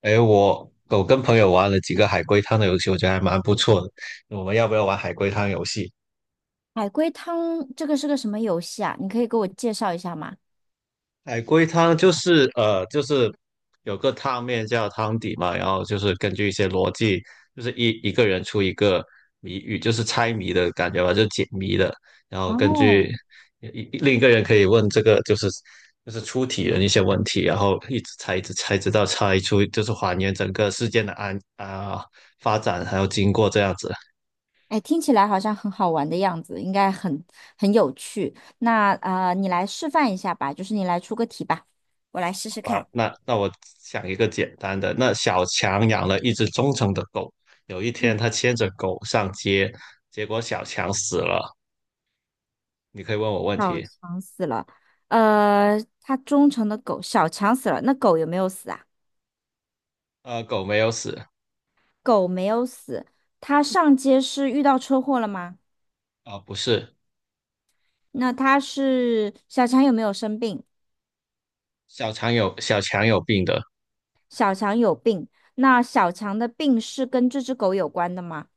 哎，我跟朋友玩了几个海龟汤的游戏，我觉得还蛮不错的。我们要不要玩海龟汤游戏？海龟汤这个是个什么游戏啊？你可以给我介绍一下吗？海龟汤就是就是有个汤面叫汤底嘛，然后就是根据一些逻辑，就是一个人出一个谜语，就是猜谜的感觉吧，就解谜的。然后根据哦，另一个人可以问这个就是出题人一些问题，然后一直猜一直猜，直到猜出就是还原整个事件的发展还有经过这样子。哎，听起来好像很好玩的样子，应该很很有趣。那你来示范一下吧，就是你来出个题吧，我来试试看。那我想一个简单的，那小强养了一只忠诚的狗，有一天嗯，他牵着狗上街，结果小强死了。你可以问我问小题。强死了，他忠诚的狗小强死了，那狗有没有死啊？狗没有死。狗没有死，它上街是遇到车祸了吗？啊，不是。那它是小强有没有生病？小强有病的。小强有病，那小强的病是跟这只狗有关的吗？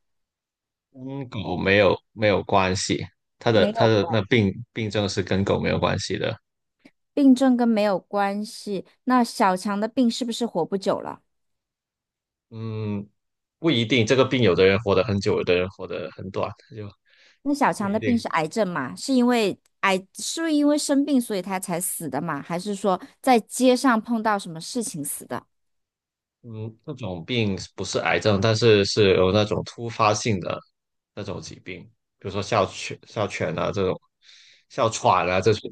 跟狗没有关系，没他有的关，那病症是跟狗没有关系的。病症跟没有关系。那小强的病是不是活不久了？嗯，不一定，这个病有的人活得很久，有的人活得很短，就那小不强一的病定。是癌症嘛？是因为癌，是不是因为生病所以他才死的嘛？还是说在街上碰到什么事情死的？嗯，那种病不是癌症，但是是有那种突发性的那种疾病，比如说哮喘、哮喘啊这种，哮喘啊这种，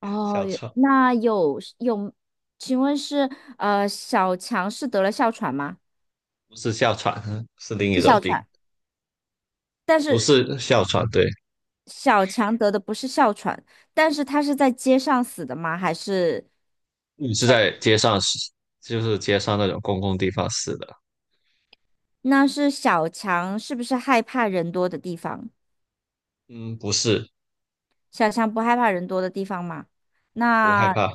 哦，哮有喘那有,请问是小强是得了哮喘吗？不是哮喘，是另一是种哮病，喘。不是哮喘，对。小强得的不是哮喘，但是他是在街上死的吗？还是你是在，在街上死，就是街上那种公共地方死的。那是小强是不是害怕人多的地方？嗯，不是。小强不害怕人多的地方嘛？不害那怕。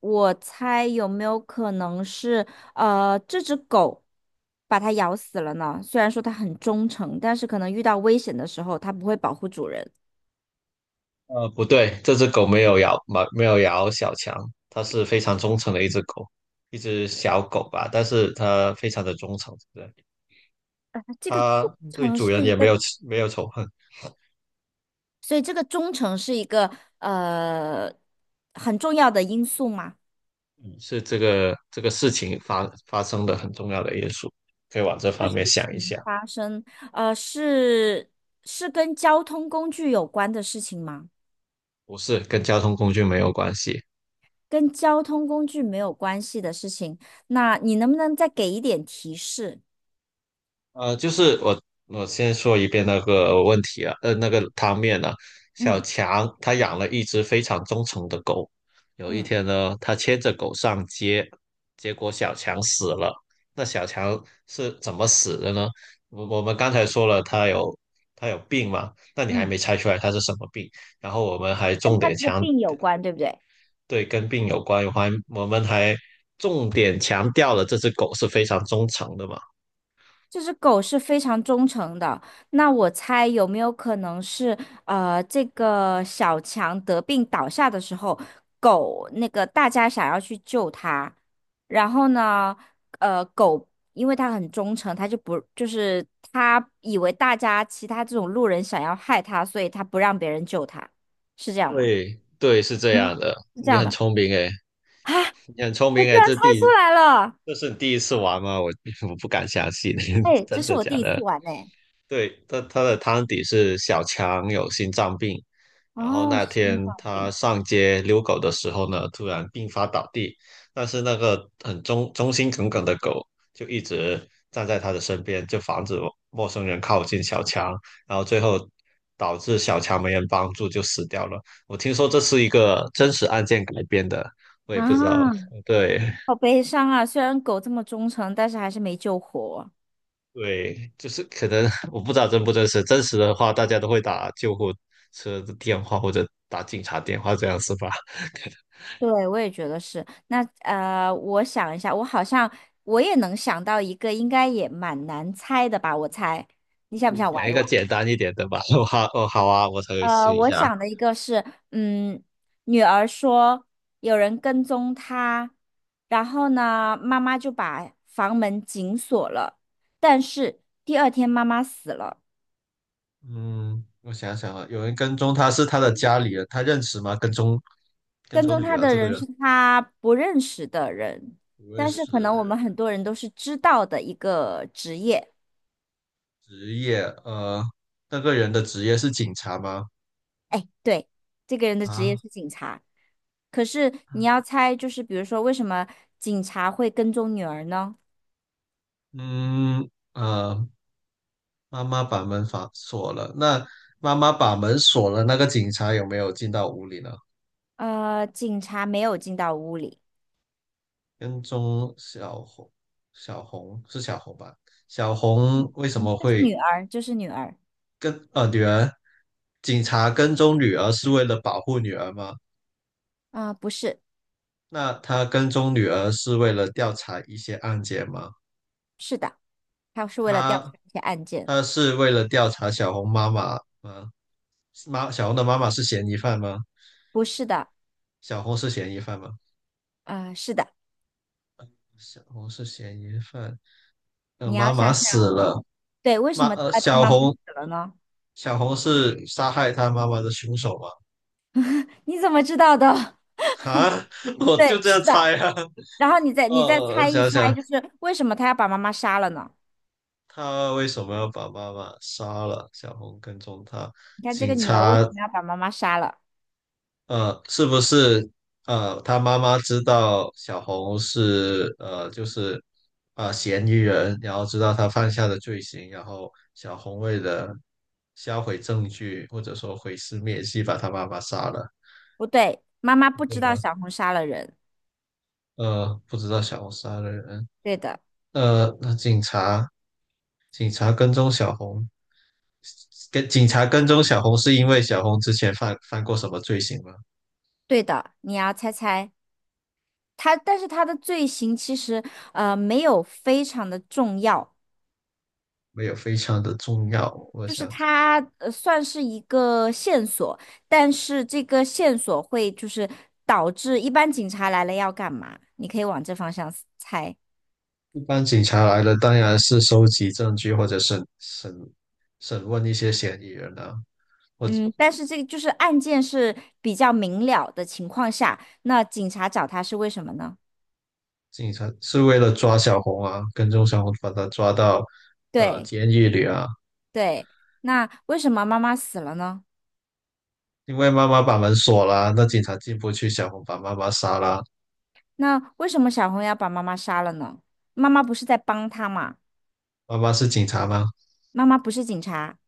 我猜有没有可能是这只狗把它咬死了呢？虽然说它很忠诚，但是可能遇到危险的时候，它不会保护主人。不对，这只狗没有咬，没有咬小强，它是非常忠诚的一只狗，一只小狗吧，但是它非常的忠诚，对。这个忠他对诚主人是一也个，没有仇恨，所以这个忠诚是一个呃很重要的因素嘛。是这个事情发生的很重要的因素，可以往这方面想一嗯想。发生是是跟交通工具有关的事情吗？不是跟交通工具没有关系。跟交通工具没有关系的事情，那你能不能再给一点提示？就是我先说一遍那个问题啊。那个汤面呢、小嗯强他养了一只非常忠诚的狗，有一嗯，天呢，他牵着狗上街，结果小强死了。那小强是怎么死的呢？我们刚才说了，他有病嘛，那你还嗯，没猜出来他是什么病？然后我们还跟重他点这个强病有关，对不对？对，跟病有关。我们还重点强调了这只狗是非常忠诚的嘛。这只狗是非常忠诚的，那我猜有没有可能是，这个小强得病倒下的时候，狗那个大家想要去救它，然后呢，狗因为它很忠诚，它就不就是它以为大家其他这种路人想要害它，所以它不让别人救它，是这样吗？对对，是这样嗯，的，是这你样很的聪明诶。啊，你很聪我明居诶，然猜出来了，这是你第一次玩吗？我 我不敢相信。哎，这真是的我假第一次的？玩呢。对，他的汤底是小强有心脏病，然后哦，那天心脏他病上街遛狗的时候呢，突然病发倒地，但是那个很忠心耿耿的狗就一直站在他的身边，就防止陌生人靠近小强，然后最后导致小强没人帮助就死掉了。我听说这是一个真实案件改编的，我也不知道。啊。对。好悲伤啊！虽然狗这么忠诚，但是还是没救活。对，就是可能 我不知道真不真实，真实的话大家都会打救护车的电话或者打警察电话这样是吧？对，我也觉得是。那我想一下，我好像我也能想到一个，应该也蛮难猜的吧？我猜，你想不你想讲玩一一个玩？简单一点的吧。我好，哦，好啊，我可以试一我下。想的一个是，嗯，女儿说有人跟踪她，然后呢，妈妈就把房门紧锁了，但是第二天妈妈死了。嗯，我想想啊，有人跟踪他是他的家里人，他认识吗？跟跟踪踪女他儿的这个人人是他不认识的人，不认但是识可的能我人。们很多人都是知道的一个职业。职业那个人的职业是警察吗？哎，对，这个人的职业啊。是警察，可是你要猜，就是比如说为什么警察会跟踪女儿呢？嗯呃，妈妈把门反锁了，那妈妈把门锁了，那个警察有没有进到屋里呢？警察没有进到屋里，跟踪小红，小红是小红吧？小红为什嗯么就是会女儿，就是女儿。女儿，警察跟踪女儿是为了保护女儿吗？啊、不是，那他跟踪女儿是为了调查一些案件吗？是的，他是为了调查他一些案件，他是为了调查小红妈妈吗？小红的妈妈是嫌疑犯吗？不是的，小红是嫌疑犯吗？啊，是的，小红是嫌疑犯。呃，你要妈想妈死想，了。对，为什妈么第呃，二天小妈妈死红了呢？小红是杀害他妈妈的凶手吗？你怎么知道的？啊，我就对，这是样的。猜啊。然后你再你再呃，猜一想猜，想。就是为什么他要把妈妈杀了呢？他为什么要把妈妈杀了？小红跟踪他。你看这个警女儿为察。什么要把妈妈杀了？是不是，他妈妈知道小红是，就是，嫌疑人，然后知道他犯下的罪行，然后小红为了销毁证据或者说毁尸灭迹，把他妈妈杀了，不对，妈妈不对知道吧？小红杀了人。不知道小红杀了人。对的，那警察。警察跟踪小红，警察跟踪小红是因为小红之前犯过什么罪行吗？对的，你要猜猜他，但是他的罪行其实没有非常的重要，没有，非常的重要。我就想是想，他算是一个线索，但是这个线索会就是导致一般警察来了要干嘛？你可以往这方向猜。一般警察来了，当然是收集证据或者审问一些嫌疑人啊。我嗯，但是这个就是案件是比较明了的情况下，那警察找他是为什么呢？警察是为了抓小红啊，跟踪小红，把她抓到对监狱里啊。对，那为什么妈妈死了呢？因为妈妈把门锁了，那警察进不去，小红把妈妈杀了。那为什么小红要把妈妈杀了呢？妈妈不是在帮他嘛？妈妈是警察吗？妈妈不是警察，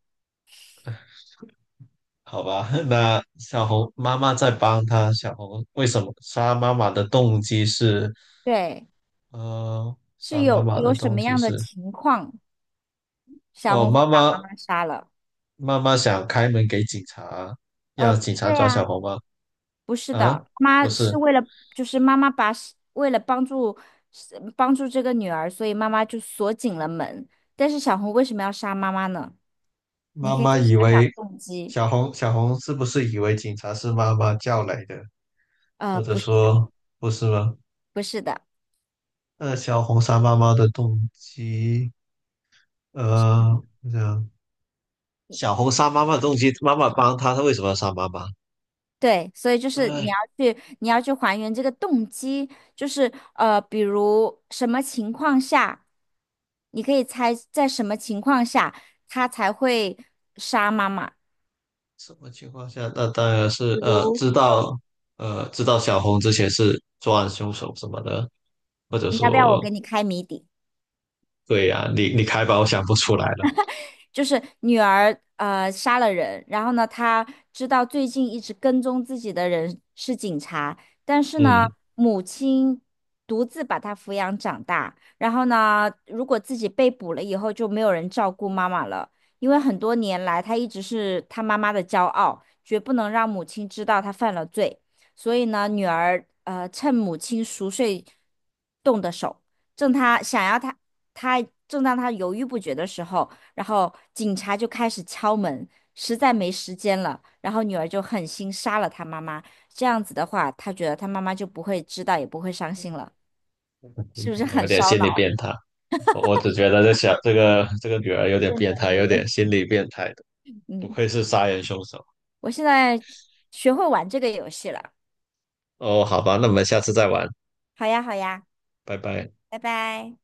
好吧，那小红妈妈在帮他。小红为什么杀妈妈的动机是，对，是杀妈有妈有的什动么机样的是，情况，小哦，红会把妈妈杀了？妈妈想开门给警察，让不警是察抓小呀。红吗？不是啊，的，不妈是。是为了，就是妈妈把是为了帮助是帮助这个女儿，所以妈妈就锁紧了门。但是小红为什么要杀妈妈呢？你妈可以妈再以想想为，动机。小红是不是以为警察是妈妈叫来的，或者不是的，说不是吗？不是的，那小红杀妈妈的动机，呃，我想。你小红杀妈妈的动机，妈妈帮她，她为什么要杀妈妈？对，所以就是你要哎，去，你要去还原这个动机，就是比如什么情况下，你可以猜在什么情况下他才会杀妈妈。什么情况下？那当然比是如，知道知道小红之前是作案凶手什么的，或者你要不要我说，给你开谜底？对呀、你开吧，我想不出来了。就是女儿杀了人，然后呢，她知道最近一直跟踪自己的人是警察，但是呢，嗯，母亲独自把她抚养长大，然后呢，如果自己被捕了以后，就没有人照顾妈妈了，因为很多年来她一直是她妈妈的骄傲，绝不能让母亲知道她犯了罪，所以呢，女儿趁母亲熟睡动的手，正她想要她她正当她犹豫不决的时候。然后警察就开始敲门，实在没时间了，然后女儿就狠心杀了她妈妈。这样子的话，她觉得她妈妈就不会知道，也不会伤心了，是不是我有很点烧心理脑？变态，我只觉得这个女儿有点这女变儿态，有有点点，心理变态的，不嗯，愧是杀人凶手。我现在学会玩这个游戏了。哦，好吧，那我们下次再玩，好呀，好呀，拜拜。拜拜。